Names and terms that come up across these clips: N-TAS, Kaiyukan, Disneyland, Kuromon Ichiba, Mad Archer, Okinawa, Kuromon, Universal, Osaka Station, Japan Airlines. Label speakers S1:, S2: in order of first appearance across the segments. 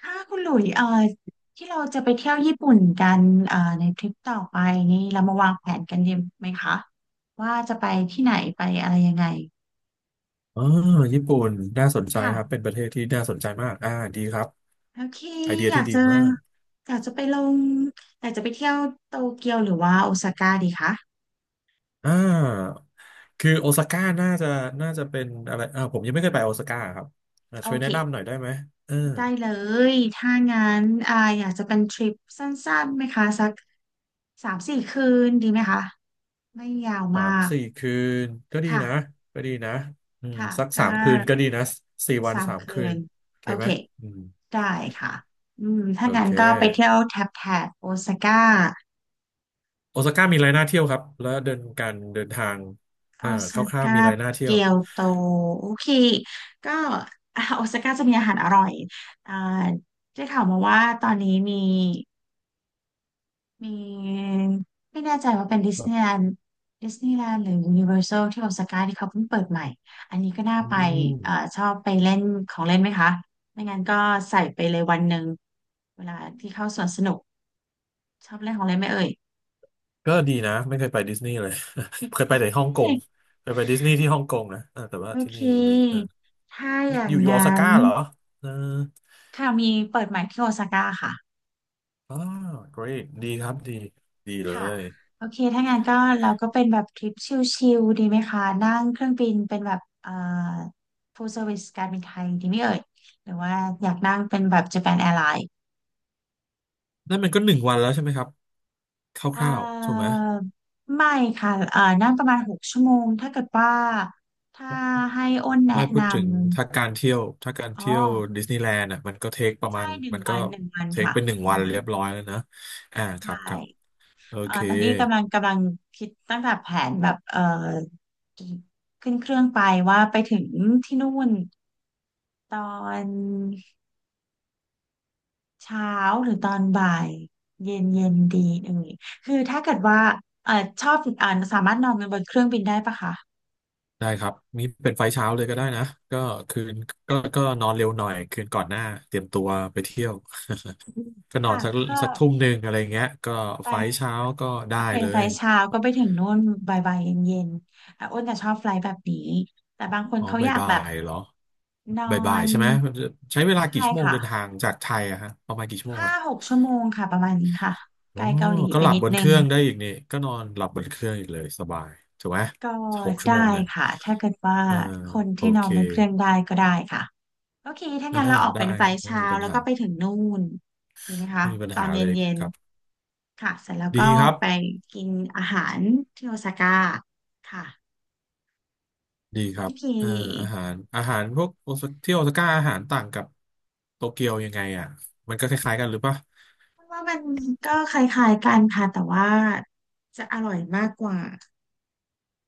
S1: ค่ะคุณหลุยที่เราจะไปเที่ยวญี่ปุ่นกันในทริปต่อไปนี่เรามาวางแผนกันดีไหมคะว่าจะไปที่ไหนไปอะไรยังไง
S2: อ๋อญี่ปุ่นน่าสนใจครับ
S1: ค่ะ
S2: เป็นประเทศที่น่าสนใจมากดีครับ
S1: โอเค
S2: ไอเดีย
S1: อยา
S2: ที่
S1: ก
S2: ดี
S1: จะ
S2: มาก
S1: อยากจะไปลงอยากจะไปเที่ยวโตเกียวหรือว่าโอซาก้าดีคะ
S2: อ่าคือโอซาก้าน่าจะเป็นอะไรผมยังไม่เคยไปโอซาก้าครับอ่า
S1: โอ
S2: ช่วย
S1: เค
S2: แนะนำหน่อยได้ไหมเออ
S1: ได้เลยถ้างั้นอยากจะเป็นทริปสั้นๆไหมคะสัก3-4 คืนดีไหมคะไม่ยาว
S2: สา
S1: มา
S2: ม
S1: ก
S2: สี่คืนก็ดี
S1: ค่ะ
S2: นะก็ดีนะอืม
S1: ค่ะ
S2: สัก
S1: ก็
S2: สามคืนก็ดีนะสี่วัน
S1: สาม
S2: สาม
S1: คื
S2: คืน
S1: น
S2: โอเค
S1: โอ
S2: ไหม
S1: เค
S2: อืม
S1: ได้ค่ะถ้า
S2: โอ
S1: งั้
S2: เค
S1: นก็ไปเที่ยวแถบแถบโอซาก้า
S2: โอซาก้ามีอะไรน่าเที่ยวครับแล้วเดินการเดินทาง
S1: โอ
S2: อ่าค
S1: ซา
S2: ร่าวๆ
S1: ก้า
S2: มีอะไรน่าเที่ย
S1: เกี
S2: ว
S1: ยวโตโอเคก็ โอซาก้าจะมีอาหารอร่อยอ่าได้ข่าวมาว่าตอนนี้มีไม่แน่ใจว่าเป็นดิสนีย์แลนด์หรือยูนิเวอร์แซลที่โอซาก้าที่เขาเพิ่งเปิดใหม่อันนี้ก็น่า
S2: อื
S1: ไป
S2: ม
S1: ชอบไปเล่นของเล่นไหมคะไม่งั้นก็ใส่ไปเลยวันหนึ่งเวลาที่เข้าสวนสนุก ชอบแรกของอะไรไหมเอ่ย
S2: ก็ดีนะไม่เคยไปดิสนีย์เลย เคย
S1: โอ
S2: ไปแต่ฮ่องก
S1: เค
S2: งเคยไปดิสนีย์ที่ฮ่องกงนะเออแต่ว่า
S1: โอ
S2: ที่
S1: เค
S2: นี่ยังไม่เออ
S1: ถ้าอ
S2: มี
S1: ย่า
S2: อ
S1: ง
S2: ยู่อยู่ออส
S1: งั้
S2: กา
S1: น
S2: ร์เหรอเออ
S1: ค่ะมีเปิดใหม่ที่โอซาก้าค่ะ
S2: อ๋อ great ดีครับดีดีเล
S1: ค่ะ
S2: ย
S1: โอเคถ้างั้นก็เราก็เป็นแบบทริปชิลๆดีไหมคะนั่งเครื่องบินเป็นแบบfull service การบินไทยดีไหมเอ่ยหรือว่าอยากนั่งเป็นแบบ Japan Airlines
S2: นั่นมันก็หนึ่งวันแล้วใช่ไหมครับค
S1: เอ่
S2: ร่าวๆถูกไหม
S1: อไม่ค่ะนั่งประมาณหกชั่วโมงถ้าเกิดว่าถ้าให้อ้นแนะ
S2: ไม่พู
S1: น
S2: ดถึงถ้าการ
S1: ำอ๋อ
S2: เที่ยวดิสนีย์แลนด์อ่ะมันก็เทคประมา
S1: ใช่
S2: ณ
S1: หนึ่ง
S2: มันก็
S1: วันหนึ่งวัน
S2: เทค
S1: ค่ะ
S2: เป็นหนึ่ง
S1: หนึ่ง
S2: วัน
S1: วั
S2: เรี
S1: น
S2: ยบร้อยแล้วนะอ่าครั
S1: ใช่
S2: บครับโอเค
S1: ตอนนี้กำลังคิดตั้งแต่แผนแบบขึ้นเครื่องไปว่าไปถึงที่นู่นตอนเช้าหรือตอนบ่ายเย็นเย็นดีเอ่ยคือถ้าเกิดว่าเอ่อชอบสามารถนอนบนเครื่องบินได้ปะคะ
S2: ได้ครับนี่เป็นไฟล์เช้าเลยก็ได้นะก็คืนก็นอนเร็วหน่อยคืนก่อนหน้าเตรียมตัวไปเที่ยวก็นอน
S1: ค่ะก็
S2: สักทุ่มหนึ่งอะไรเงี้ยก็ไฟล์
S1: ไป
S2: เช้าก็
S1: โอ
S2: ได้
S1: เค
S2: เล
S1: ไฟ
S2: ย
S1: ล์เช้าก็ไปถึงนู่นบ่ายๆเย็นเย็นอ่ะอ้นจะชอบไฟล์แบบนี้แต่บางคน
S2: อ๋อ
S1: เขาอ
S2: บ่าย
S1: ยาก
S2: บ่า
S1: แบบ
S2: ยเหรอ
S1: นอ
S2: บ่ายบ่าย
S1: น
S2: ใช่ไหมใช้เวลากี่
S1: ใช่
S2: ชั่วโมง
S1: ค่ะ
S2: เดินทางจากไทยอะฮะประมาณกี่ชั่วโมง
S1: ห้า
S2: อะ
S1: หกชั่วโมงค่ะประมาณนี้ค่ะ
S2: อ๋
S1: ไก
S2: อ
S1: ลเกาหลี
S2: ก็
S1: ไป
S2: หลับ
S1: นิด
S2: บนเค
S1: นึง
S2: รื่องได้อีกนี่ก็นอนหลับบนเครื่องอีกเลยสบายถูกไหม
S1: ก็
S2: หกชั่ว
S1: ได้
S2: โมงเนี่ย
S1: ค่ะถ้าเกิดว่า
S2: อ่า
S1: คน
S2: โอ
S1: ที่นอ
S2: เค
S1: นบนเครื่องได้ก็ได้ค่ะโอเคถ้า
S2: อ่า
S1: งั้นเราออก
S2: ได้
S1: เป็นไฟ
S2: ครับ
S1: ล์
S2: ไม่
S1: เช้า
S2: มีปัญ
S1: แล้ว
S2: หา
S1: ก็ไปถึงนู่นดีไหมคะ
S2: ไม่มีปัญ
S1: ตอ
S2: หา
S1: นเ
S2: เลย
S1: ย็น
S2: ครับ
S1: ๆค่ะเสร็จแล้ว
S2: ดี
S1: ก็
S2: ครับ
S1: ไปกินอาหารที่โอซาก้าค่ะ
S2: ดีครั
S1: โอ
S2: บ
S1: เค
S2: เอออาหารพวกโอซาที่โอซาก้าอาหารต่างกับโตเกียวยังไงอ่ะ มันก็คล้ายๆกันหรือปะ
S1: ว่ามันก็คล้ายๆกันค่ะแต่ว่าจะอร่อยมากกว่า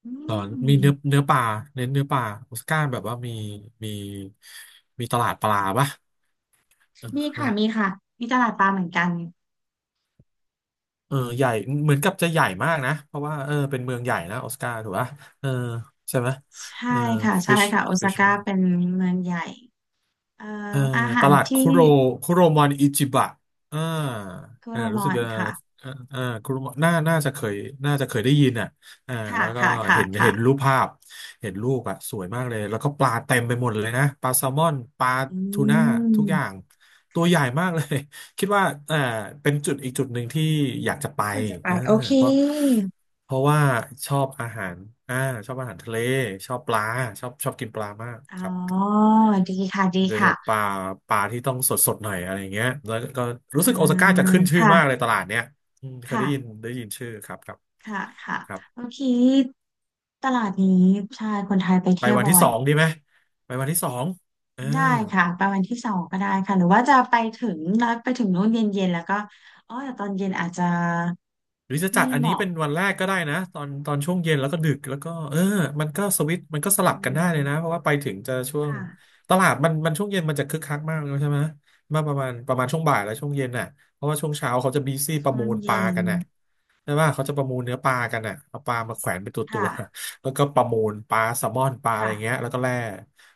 S1: อื
S2: เออมี
S1: ม
S2: เนื้อเนื้อปลาเน้นเนื้อปลาโอซาก้าแบบว่ามีมีตลาดปลาปะเออ
S1: มี
S2: เออ
S1: ค่ะมีค่ะมีตลาดปลาเหมือนกัน
S2: เออใหญ่เหมือนกับจะใหญ่มากนะ เพราะว่าเออเป็นเมืองใหญ่นะโอซาก้าถูกปะเออใช่ไหม
S1: ใช่
S2: เออ
S1: ค่ะใช่
S2: fish
S1: ค่ะโอซา
S2: fish
S1: ก้าเป็นเมืองใหญ่เอ่อ
S2: เอ่อ
S1: อาหา
S2: ต
S1: ร
S2: ลาด
S1: ที่
S2: คุโรมอนอิจิบะอ่า
S1: คุ
S2: อ่า
S1: โรม
S2: รู้สึ
S1: อ
S2: ก
S1: น
S2: จะ
S1: ค่ะ
S2: เอ่อเอ่าคุโรมอนน่าจะเคยได้ยินอ่ะอ่า
S1: ค่ะ
S2: แล้วก็
S1: ค่ะค่ะ
S2: เห็
S1: ค่ะ
S2: นรูปภาพเห็นรูปอ่ะสวยมากเลย แล้วก็ปลาเต็มไปหมดเลยนะ ปลาแซลมอน ปลา
S1: อื
S2: ทูน่า ทุกอย่าง
S1: ม
S2: ตัวใหญ่มากเลย คิดว่าเป็นจุดอีกจุดหนึ่งที่อยากจะไป
S1: ที่ควรจะไป
S2: เออ
S1: โอเค
S2: เพราะเพราะว่าชอบอาหารอ่าชอบอาหารทะเล ชอบปลาชอบกินปลามาก
S1: อ๋
S2: ครับ
S1: อดีค่ะดี
S2: โดยเฉ
S1: ค่ะ
S2: พาะปลาที่ต้องสดสดหน่อยอะไรเงี้ยแล้วก็
S1: อ่า
S2: รู้สึกโอซาก้าจะขึ้นชื่อมากเล
S1: ค่ะ
S2: ยตลาดเนี้ยอืมเคย
S1: ค่ะ
S2: ได้ยินได้ยินชื่อครับครับ
S1: ค่ะค่ะ
S2: ครับ
S1: โอเคตลาดนี้ใช่คนไทยไป
S2: ไป
S1: เที่ยว
S2: วัน
S1: บ่
S2: ที่
S1: อ
S2: ส
S1: ย
S2: องดีไหมไปวันที่สองเออ
S1: ได้ค่ะไปวันที่สองก็ได้ค่ะหรือว่าจะไปถึงนัดไปถึงนู้นเย็นๆแล้วก็อ๋อแต่ตอนเย็นอาจจะ
S2: หรือจะจั
S1: ไม่
S2: ดอัน
S1: เห
S2: นี้
S1: มาะ
S2: เป็นวันแรกก็ได้นะตอนช่วงเย็นแล้วก็ดึกแล้วก็เออมันก็สวิตช์มันก็ส
S1: อื
S2: ลับกันได้เลยนะเพราะ
S1: ม
S2: ว่าไปถึงจะช่วง
S1: ค่ะ
S2: ตลาดมันช่วงเย็นมันจะคึกคักมากเลยใช่ไหมมาประมาณช่วงบ่ายแล้วช่วงเย็นน่ะเพราะว่าช่วงเช้าเขาจะบีซี่ประ
S1: ช่ว
S2: มู
S1: ง
S2: ลปลา
S1: เย็น
S2: กันน่ะใช่ปะเขาจะประมูลเนื้อปลากันน่ะเอาปลามาแขวนเป็นตัวตัว
S1: ค่ะ
S2: แล้วก็ประมูลปลาแซลมอนปลาอะไร
S1: ค่ะ
S2: เงี้ยแล้วก็แล่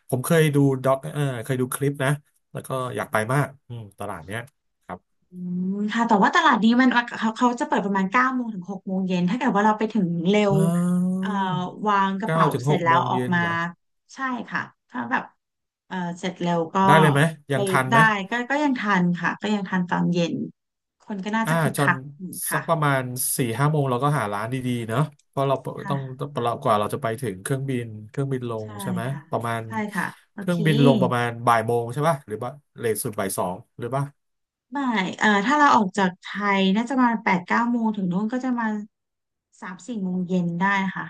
S2: ผมเคยดูด็อกเออเคยดูคลิปนะแล้วก็อยากไปมากอืมตลาดเนี้ยครับ
S1: อืมค่ะแต่ว่าตลาดนี้มันเขาจะเปิดประมาณ9 โมงถึง 6 โมงเย็นถ้าเกิดว่าเราไปถึงเร็ว
S2: อ๋
S1: เอ่อ
S2: อ
S1: วางกระ
S2: เก้า
S1: เป๋า
S2: ถึง
S1: เส
S2: ห
S1: ร็จ
S2: ก
S1: แล้
S2: โม
S1: ว
S2: ง
S1: ออก
S2: เย็น
S1: มา
S2: เหรอ
S1: ใช่ค่ะถ้าแบบเสร็จเร็วก็
S2: ได้เลยไหม
S1: ไป
S2: ยังทันไห
S1: ได้
S2: ม
S1: ก็ยังทันค่ะก็ยังทันตอนเย็นคนก็น่า
S2: อ่า
S1: จะคึก
S2: จ
S1: คั
S2: น
S1: กอยู่
S2: สักประ
S1: ค่ะ
S2: มาณสี่ห้าโมงเราก็หาร้านดีๆเนอะเพราะเราต้อง
S1: ค่ะ
S2: เรากว่าเราจะไปถึงเครื่องบินเครื่องบินลง
S1: ใช่
S2: ใช่ไหม
S1: ค่ะ
S2: ประมาณ
S1: ใช่ค่ะโอ
S2: เครื่
S1: เค
S2: องบินลงประมาณบ่ายโมงใช่ป่ะหรือว่าเลทสุดบ่ายสองหรือป่ะ
S1: ไม่ถ้าเราออกจากไทยน่าจะมา8-9 โมงถึงนู้นก็จะมา3-4 โมงเย็นได้ค่ะ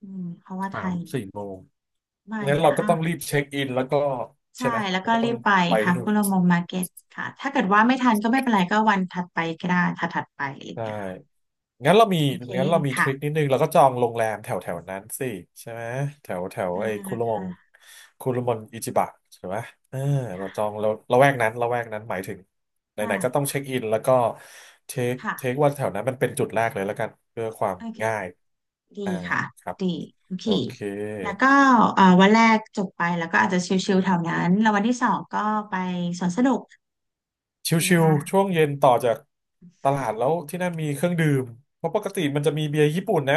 S1: อืมเพราะว่าไท
S2: สาม
S1: ย
S2: สี่โมง
S1: ไม่า
S2: งั้
S1: ห
S2: น
S1: รือ
S2: เราก็
S1: ห้า
S2: ต้องรีบเช็คอินแล้วก็
S1: ใช่
S2: ใช่ไหม
S1: แล้ว
S2: แล้
S1: ก็
S2: วก็ต้
S1: รี
S2: อง
S1: บไป
S2: ไป
S1: ค่ะ
S2: ที่นู่
S1: คุ
S2: น
S1: โรมงมาร์เก็ตค่ะถ้าเกิดว่าไม่ทันก็ไม่เป็นไรก็วันถัดไปก็ได้ถัดถัดไปอะไรอย่าง
S2: ใช่
S1: เงี้ยค่ะ
S2: งั้นเรามี
S1: โอเค
S2: งั้นเรามีท
S1: ค่ะ
S2: ริคนิดนึงเราก็จองโรงแรมแถวแถวนั้นสิใช่ไหมแถวแถว
S1: อ่า
S2: ไอ้
S1: ค่ะ
S2: คุรุมนอิจิบะใช่ไหมเออ
S1: ค่ะ
S2: เราละแวกนั้นละแวกนั้นหมายถึง ไห
S1: ได้
S2: นๆ ก็ต้องเช็คอิน แล้วก็เท
S1: ค่ะ
S2: คว่าแถวนั้นมันเป็นจุดแรกเลยแล้วกัน เพื่อความ
S1: โอเค
S2: ง่าย
S1: ดี
S2: อ่า
S1: ค่ะ
S2: ครับ
S1: ดีโอเค
S2: โอเค
S1: แล้วก็วันแรกจบไปแล้วก็อาจจะชิลๆแถวนั้นแล้ววันที่สองก็ไปสวนสนุก
S2: ช
S1: ดีไหม
S2: ิวๆช่ว
S1: คะ
S2: งเย็นต่อจากตลาดแล้วที่นั่นมีเครื่องดื่ม เพราะปกติมันจะมีเบียร์ญี่ปุ่นนะ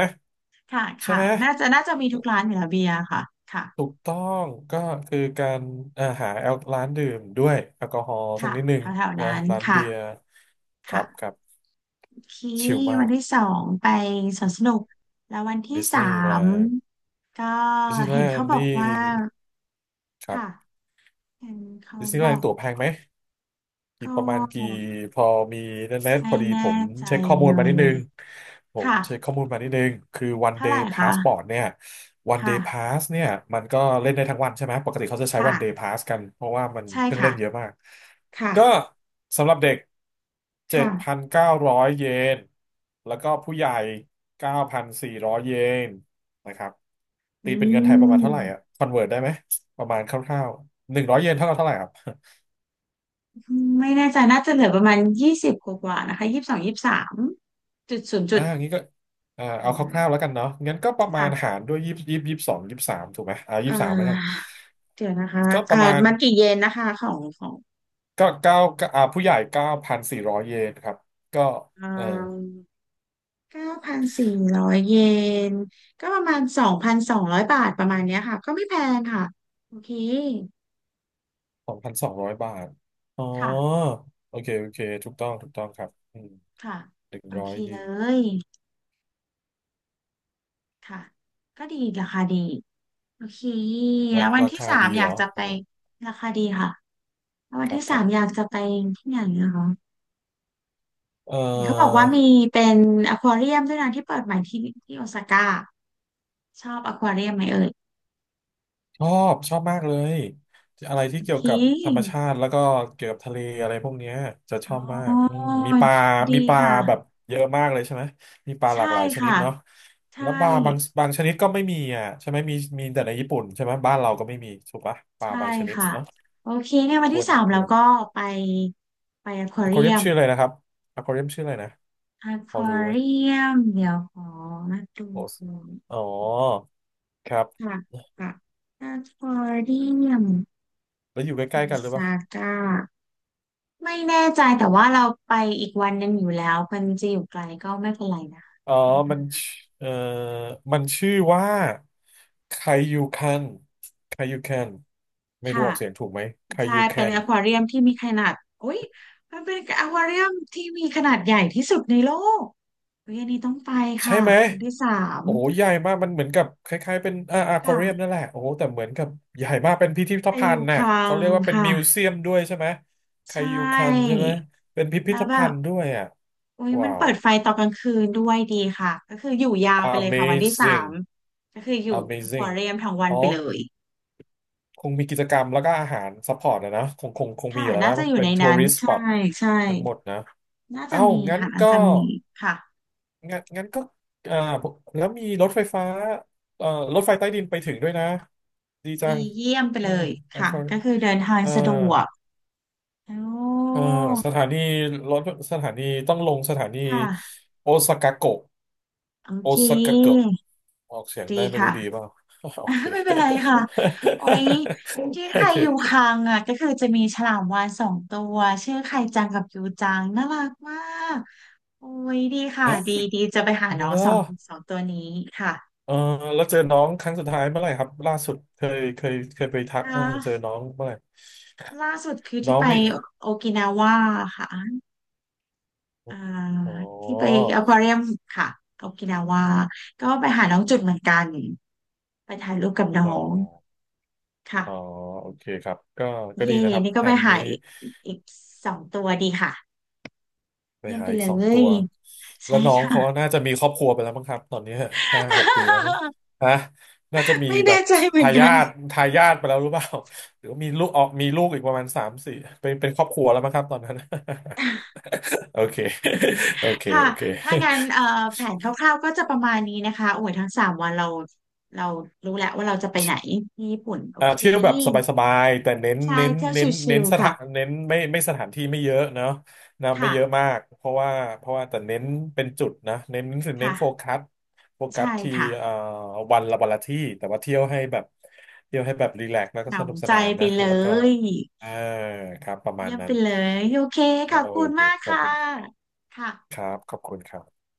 S1: ค่ะ
S2: ใช่
S1: ค่ะ
S2: ไหม
S1: น่าจะมีทุกร้านอยู่แล้วเบียร์ค่ะ ค่ะ
S2: ถูกต้องก็คือการอ่าหาแอลร้านดื่มด้วยแอลกอฮอล์สัก
S1: ค่ะ
S2: นิดหนึ่ง
S1: แถวๆ
S2: นะ
S1: นั้น
S2: ร้าน
S1: ค่ะ
S2: เบียร์ครับค
S1: ค่ะ
S2: รับ
S1: โอเค
S2: ชิลมา
S1: วัน
S2: ก
S1: ที่สองไปสวนสนุก แล้ววันที่
S2: ดิส
S1: สา
S2: นีย์แล
S1: ม
S2: นด์
S1: ก็เห็นเขาบอ
S2: นี่
S1: กว่า
S2: ครั
S1: ค่ะ
S2: บ
S1: เห็นเขา
S2: ดิสนีย์
S1: บ
S2: แล
S1: อ
S2: น
S1: ก
S2: ด์ตั๋วแพงไหม กี่
S1: ก็
S2: ประมาณกี่พอมีนั่นแหละพ
S1: ไม่
S2: อดีผ
S1: แน่
S2: ม
S1: ใจ
S2: เช็คข้อมู
S1: เล
S2: ลมานิดนึ
S1: ย
S2: งผม
S1: ค่ะ
S2: เช็คข้อมูลมานิดนึงคือ one
S1: เท่าไห
S2: day
S1: ร่คะ
S2: passport เนี่ย one day
S1: ค่ะ
S2: pass เนี่ยมันก็เล่นได้ทั้งวันใช่ไหมปกติเขาจะใช้
S1: ค่ะ
S2: one day pass กันเพราะว่ามัน
S1: ใช่
S2: เครื่อง
S1: ค่ะ
S2: เล่นเยอะมาก
S1: ค่ะ
S2: ก็สำหรับเด็ก
S1: ค่ะ
S2: 7,900เก้าร้อยเยนแล้วก็ผู้ใหญ่9,400เยนนะครับ
S1: อื
S2: ตีเป็นเงินไทยประมาณเท่าไหร่อ่ะ
S1: ม
S2: คอนเวิร์ได้ไหมประมาณคร่าวๆหนึ่งร้อยเยนเท่ากับเท่าไหร่ครับ
S1: ไม่แน่ใจน่าจะเหลือประมาณยี่สิบกว่าๆนะคะ2223จุดศูนย์จุ
S2: อ่า
S1: ด
S2: งี้ก็อ่า
S1: เดี๋
S2: เอา
S1: ยว
S2: ค
S1: นะค
S2: ร่าวๆแล้วกันเนาะงั้นก็ประมา
S1: ่ะ
S2: ณหารด้วยยี่สิบยี่สบสองยี่สบสามถูกไหมอ่ายี่
S1: เอ่
S2: สบสามแล้วกัน
S1: อเดี๋ยวนะคะ
S2: ก็ป
S1: อ่า
S2: ระมาณ
S1: มันกี่เยนนะคะของ
S2: ก็เก้าผู้ใหญ่เก้าพันสี่ร้อยเยนครับก็
S1: เอ่
S2: เออ
S1: อ9,400 เยนก็ประมาณ2,200 บาทประมาณเนี้ยค่ะก็ไม่แพงค่ะโอเค
S2: สองพันสองร้อยบาทอ๋อ
S1: ค่ะ
S2: โอเคโอเคถูกต้องถูกต้องครับอืม
S1: ค่ะ
S2: หนึ่ง
S1: โอ
S2: ร้อ
S1: เค
S2: ยเย
S1: เล
S2: น
S1: ยค่ะก็ดีราคาดีโอเคแล้ววัน
S2: รา
S1: ที่
S2: คา
S1: สาม
S2: ดี
S1: อ
S2: เห
S1: ยา
S2: ร
S1: ก
S2: อ
S1: จะไป
S2: อ๋อ
S1: ราคาดีค่ะแล้ววั
S2: ค
S1: น
S2: รั
S1: ที่
S2: บค
S1: สา
S2: รั
S1: มอ
S2: บ
S1: ยากจะไปที่ไหนนะคะ
S2: เอ่
S1: เห็นเขาบอก
S2: อ
S1: ว่ามีเป็นอควาเรียมด้วยนะที่เปิดใหม่ที่โอซาก้าชอบอควาเรียมไหมเอ่ย
S2: ชอบชอบมากเลยอะไรที่
S1: โอ
S2: เกี่ย
S1: เค
S2: วกับธรรมชาติแล้วก็เกี่ยวกับทะเลอะไรพวกเนี้ยจะช
S1: อ๋
S2: อบมากอื
S1: อ
S2: มมีปลามี
S1: ดี
S2: ปลา
S1: ค่ะ
S2: แบบเยอะมากเลยใช่ไหมมีปลาห
S1: ใช่
S2: ลากหลายชนิด
S1: ค่ะ
S2: เนาะ
S1: ใช่
S2: แล้วปลาบางชนิดก็ไม่มีอ่ะใช่ไหมมีมีแต่ในญี่ปุ่นใช่ไหมบ้านเราก็ไม่มีถูกปะปลา
S1: ใช่
S2: บางชนิด
S1: ค่ะ
S2: เนาะ
S1: โอเคเนี่ยวัน
S2: คว
S1: ที่
S2: ร
S1: สาม
S2: ค
S1: เรา
S2: วร
S1: ก็ไปไปอควา
S2: อควา
S1: เรี
S2: เรีย
S1: ย
S2: ม
S1: ม
S2: ชื่ออะไรนะครับอควาเรียมชื่ออะไรนะ
S1: อค
S2: พอ
S1: วา
S2: รู้ไหม
S1: เรียมเดี๋ยวขอมาดู
S2: โอสอ๋อครับ
S1: ค่ะค่ะอควาเรียม
S2: แล้วอยู่ใก
S1: โอ
S2: ล้ๆกันหรือเปล่า
S1: ซาก้า ไม่แน่ใจแต่ว่าเราไปอีกวันหนึ่งอยู่แล้วมันจะอยู่ไกลก็ไม่เป็นไรนะ
S2: อ๋อมันชเอ่อมันชื่อว่าไคยูคันไคยูคันไม่รู้
S1: ค่ะ
S2: ออกเสียงถูกไหมไค
S1: ใช่
S2: ยู
S1: เป็
S2: คั
S1: น
S2: น
S1: อควาเรียมที่มีขนาดอุ้ยมันเป็นอควาเรียมที่มีขนาดใหญ่ที่สุดในโลกเฮ้ยอันนี้ต้องไป
S2: ใช่
S1: ค่ะ
S2: ไหม
S1: วันที่สาม
S2: โอ้โหใหญ่มาก มันเหมือนกับคล้ายๆเป็นอควาเรียม
S1: ค่ะ
S2: นั่นแหละ โอ้โหแต่เหมือนกับใหญ่มากเป็นพิพิธ
S1: ไปอ
S2: ภัณ
S1: ยู่
S2: ฑ์
S1: ค
S2: น่ะ
S1: ลั
S2: เขา
S1: ง
S2: เรียกว่าเป็น
S1: ค่ะ
S2: มิวเซียมด้วยใช่ไหมไค
S1: ใช่
S2: ยูคันใช่ไหมเป็นพิพิ
S1: แล้
S2: ธ
S1: วแบ
S2: ภั
S1: บ
S2: ณฑ์ด้วยอ่ะ
S1: อุ้ยมัน
S2: ว้าว
S1: เปิดไฟตอนกลางคืนด้วยดีค่ะก็คืออยู่ยาวไปเลยค่ะวันที่สาม
S2: Amazing
S1: ก็คืออยู่อควา
S2: Amazing
S1: เรียมทั้งวัน
S2: อ๋อ
S1: ไปเลย
S2: คงมีกิจกรรมแล้วก็อาหารซัพพอร์ตนะนะคงมี
S1: ค่ะ
S2: อยู่แล้ว
S1: น่า
S2: นะ
S1: จะอยู่
S2: เป็
S1: ใน
S2: นทัว
S1: นั้น
S2: ริส t s สป
S1: ใช่
S2: อต
S1: ใช่
S2: ทั้งหมดนะ
S1: น่าจะ
S2: เอ้า
S1: มี
S2: งั้น
S1: ค่ะน่า
S2: ก็
S1: จะมีค่ะ
S2: งั้นก็อ่าแล้วมีรถไฟฟ้าเอ่อรถไฟใต้ดินไปถึงด้วยนะดีจั
S1: ดี
S2: ง
S1: เยี่ยมไป
S2: อื
S1: เล
S2: ม
S1: ย
S2: แล้ว
S1: ค่ะ
S2: ก็
S1: ก็คือเดินทาง
S2: เอ่อ
S1: สะดวกโอ้
S2: เอ่อสถานีรถสถานีต้องลงสถานี
S1: ค่ะ
S2: โอซากะโกะ
S1: โอ
S2: โอ
S1: เค
S2: ซากะเกะออกเสียง
S1: ดี
S2: ได้ไม่
S1: ค่ะ
S2: รู้ดีเปล่า โอเค
S1: ไม่เป็นไรค่ะโอ้ย ชื่อใค
S2: โอ
S1: รอยู่
S2: เค
S1: คังอ่ะก็คือจะมีฉลามวาฬสองตัวชื่อไข่จังกับยูจังน่ารักมากโอ้ยดีค่ะดีดีจะไปหาน้อง
S2: แล้
S1: สอ
S2: ว
S1: งสองตัวนี้ค่ะ
S2: เออแล้วเจอน้องครั้งสุดท้ายเมื่อไหร่ครับล่าสุดเคยไปทัก
S1: อ่
S2: เออเจอ
S1: า
S2: น้องเมื่อไหร่
S1: ล่าสุดคือ
S2: น้
S1: ที่
S2: อง
S1: ไป
S2: มี
S1: โอกินาวาค่ะ อ่า
S2: อ๋อ
S1: ที่ไปอควาเรียมค่ะโอกินาวาก็ไปหาน้องจุดเหมือนกันไปถ่ายรูปกับน้อ
S2: อ๋อ
S1: งค่ะ
S2: อ๋อโอเคครับก็ก็ดี
S1: เย่
S2: นะครับ
S1: นี่
S2: แผ
S1: ก็ไป
S2: น
S1: หา
S2: นี้
S1: อีกสองตัวดีค่ะ
S2: ไป
S1: เยี่ยม
S2: หา
S1: ไป
S2: อี
S1: เล
S2: กสองตั
S1: ย
S2: วแล้
S1: ใช่
S2: วน้องเขา
S1: ค่ะ
S2: น่าจะมีครอบครัวไปแล้วมั้งครับตอนนี้ห้าหกปีแล้วมั้ง ฮะน่าจะมี
S1: ไม่
S2: แบ
S1: แน่
S2: บ
S1: ใจเหมือ
S2: ทา
S1: นกั
S2: ยาท
S1: น
S2: ทายาทไปแล้วหรือเปล่า หรือว่ามีลูกออกมีลูกอีกประมาณสามสี่เป็นครอบครัวแล้วมั้งครับตอนนั้น โอเคโอเค
S1: ค่ะ
S2: โอเค
S1: ถ้างั้นแผนคร่าวๆก็จะประมาณนี้นะคะโอ้ยทั้ง3 วันเรารู้แล้วว่าเราจะไปไหนที่ญี่ปุ่นโอ
S2: อ่า
S1: เค
S2: เที่ยวแบบสบายๆแต่เน้น
S1: ใช่
S2: เน้น
S1: เที่ยว
S2: เน้น
S1: ชิ
S2: เน้น
S1: ล
S2: ส
S1: ๆ
S2: ถา
S1: ค่ะ
S2: นเน้นไม่สถานที่ไม่เยอะเนาะนะไม่
S1: ค่ะ
S2: เยอะมากเพราะว่าแต่เน้นเป็นจุดนะเน้นเน้น
S1: ค่ะ
S2: โฟกัสโฟกัส
S1: ใช่
S2: ที่
S1: ค่ะ
S2: เอ่อวันละที่แต่ว่าเที่ยวให้แบบเที่ยวให้แบบรีแลกซ์แล้วก็
S1: ห
S2: สนุก
S1: นำ
S2: ส
S1: ใจ
S2: นาน
S1: ไป
S2: นะ
S1: เล
S2: แล้วก็
S1: ย
S2: เออครับประมาณ
S1: เยี่ยม
S2: นั้
S1: ไป
S2: น
S1: เลยโอเคขอบ
S2: โอ
S1: คุณ
S2: เค
S1: มาก
S2: ขอบ
S1: ค่ะ
S2: คุณค
S1: ค่ะ
S2: รับขอบคุณครับ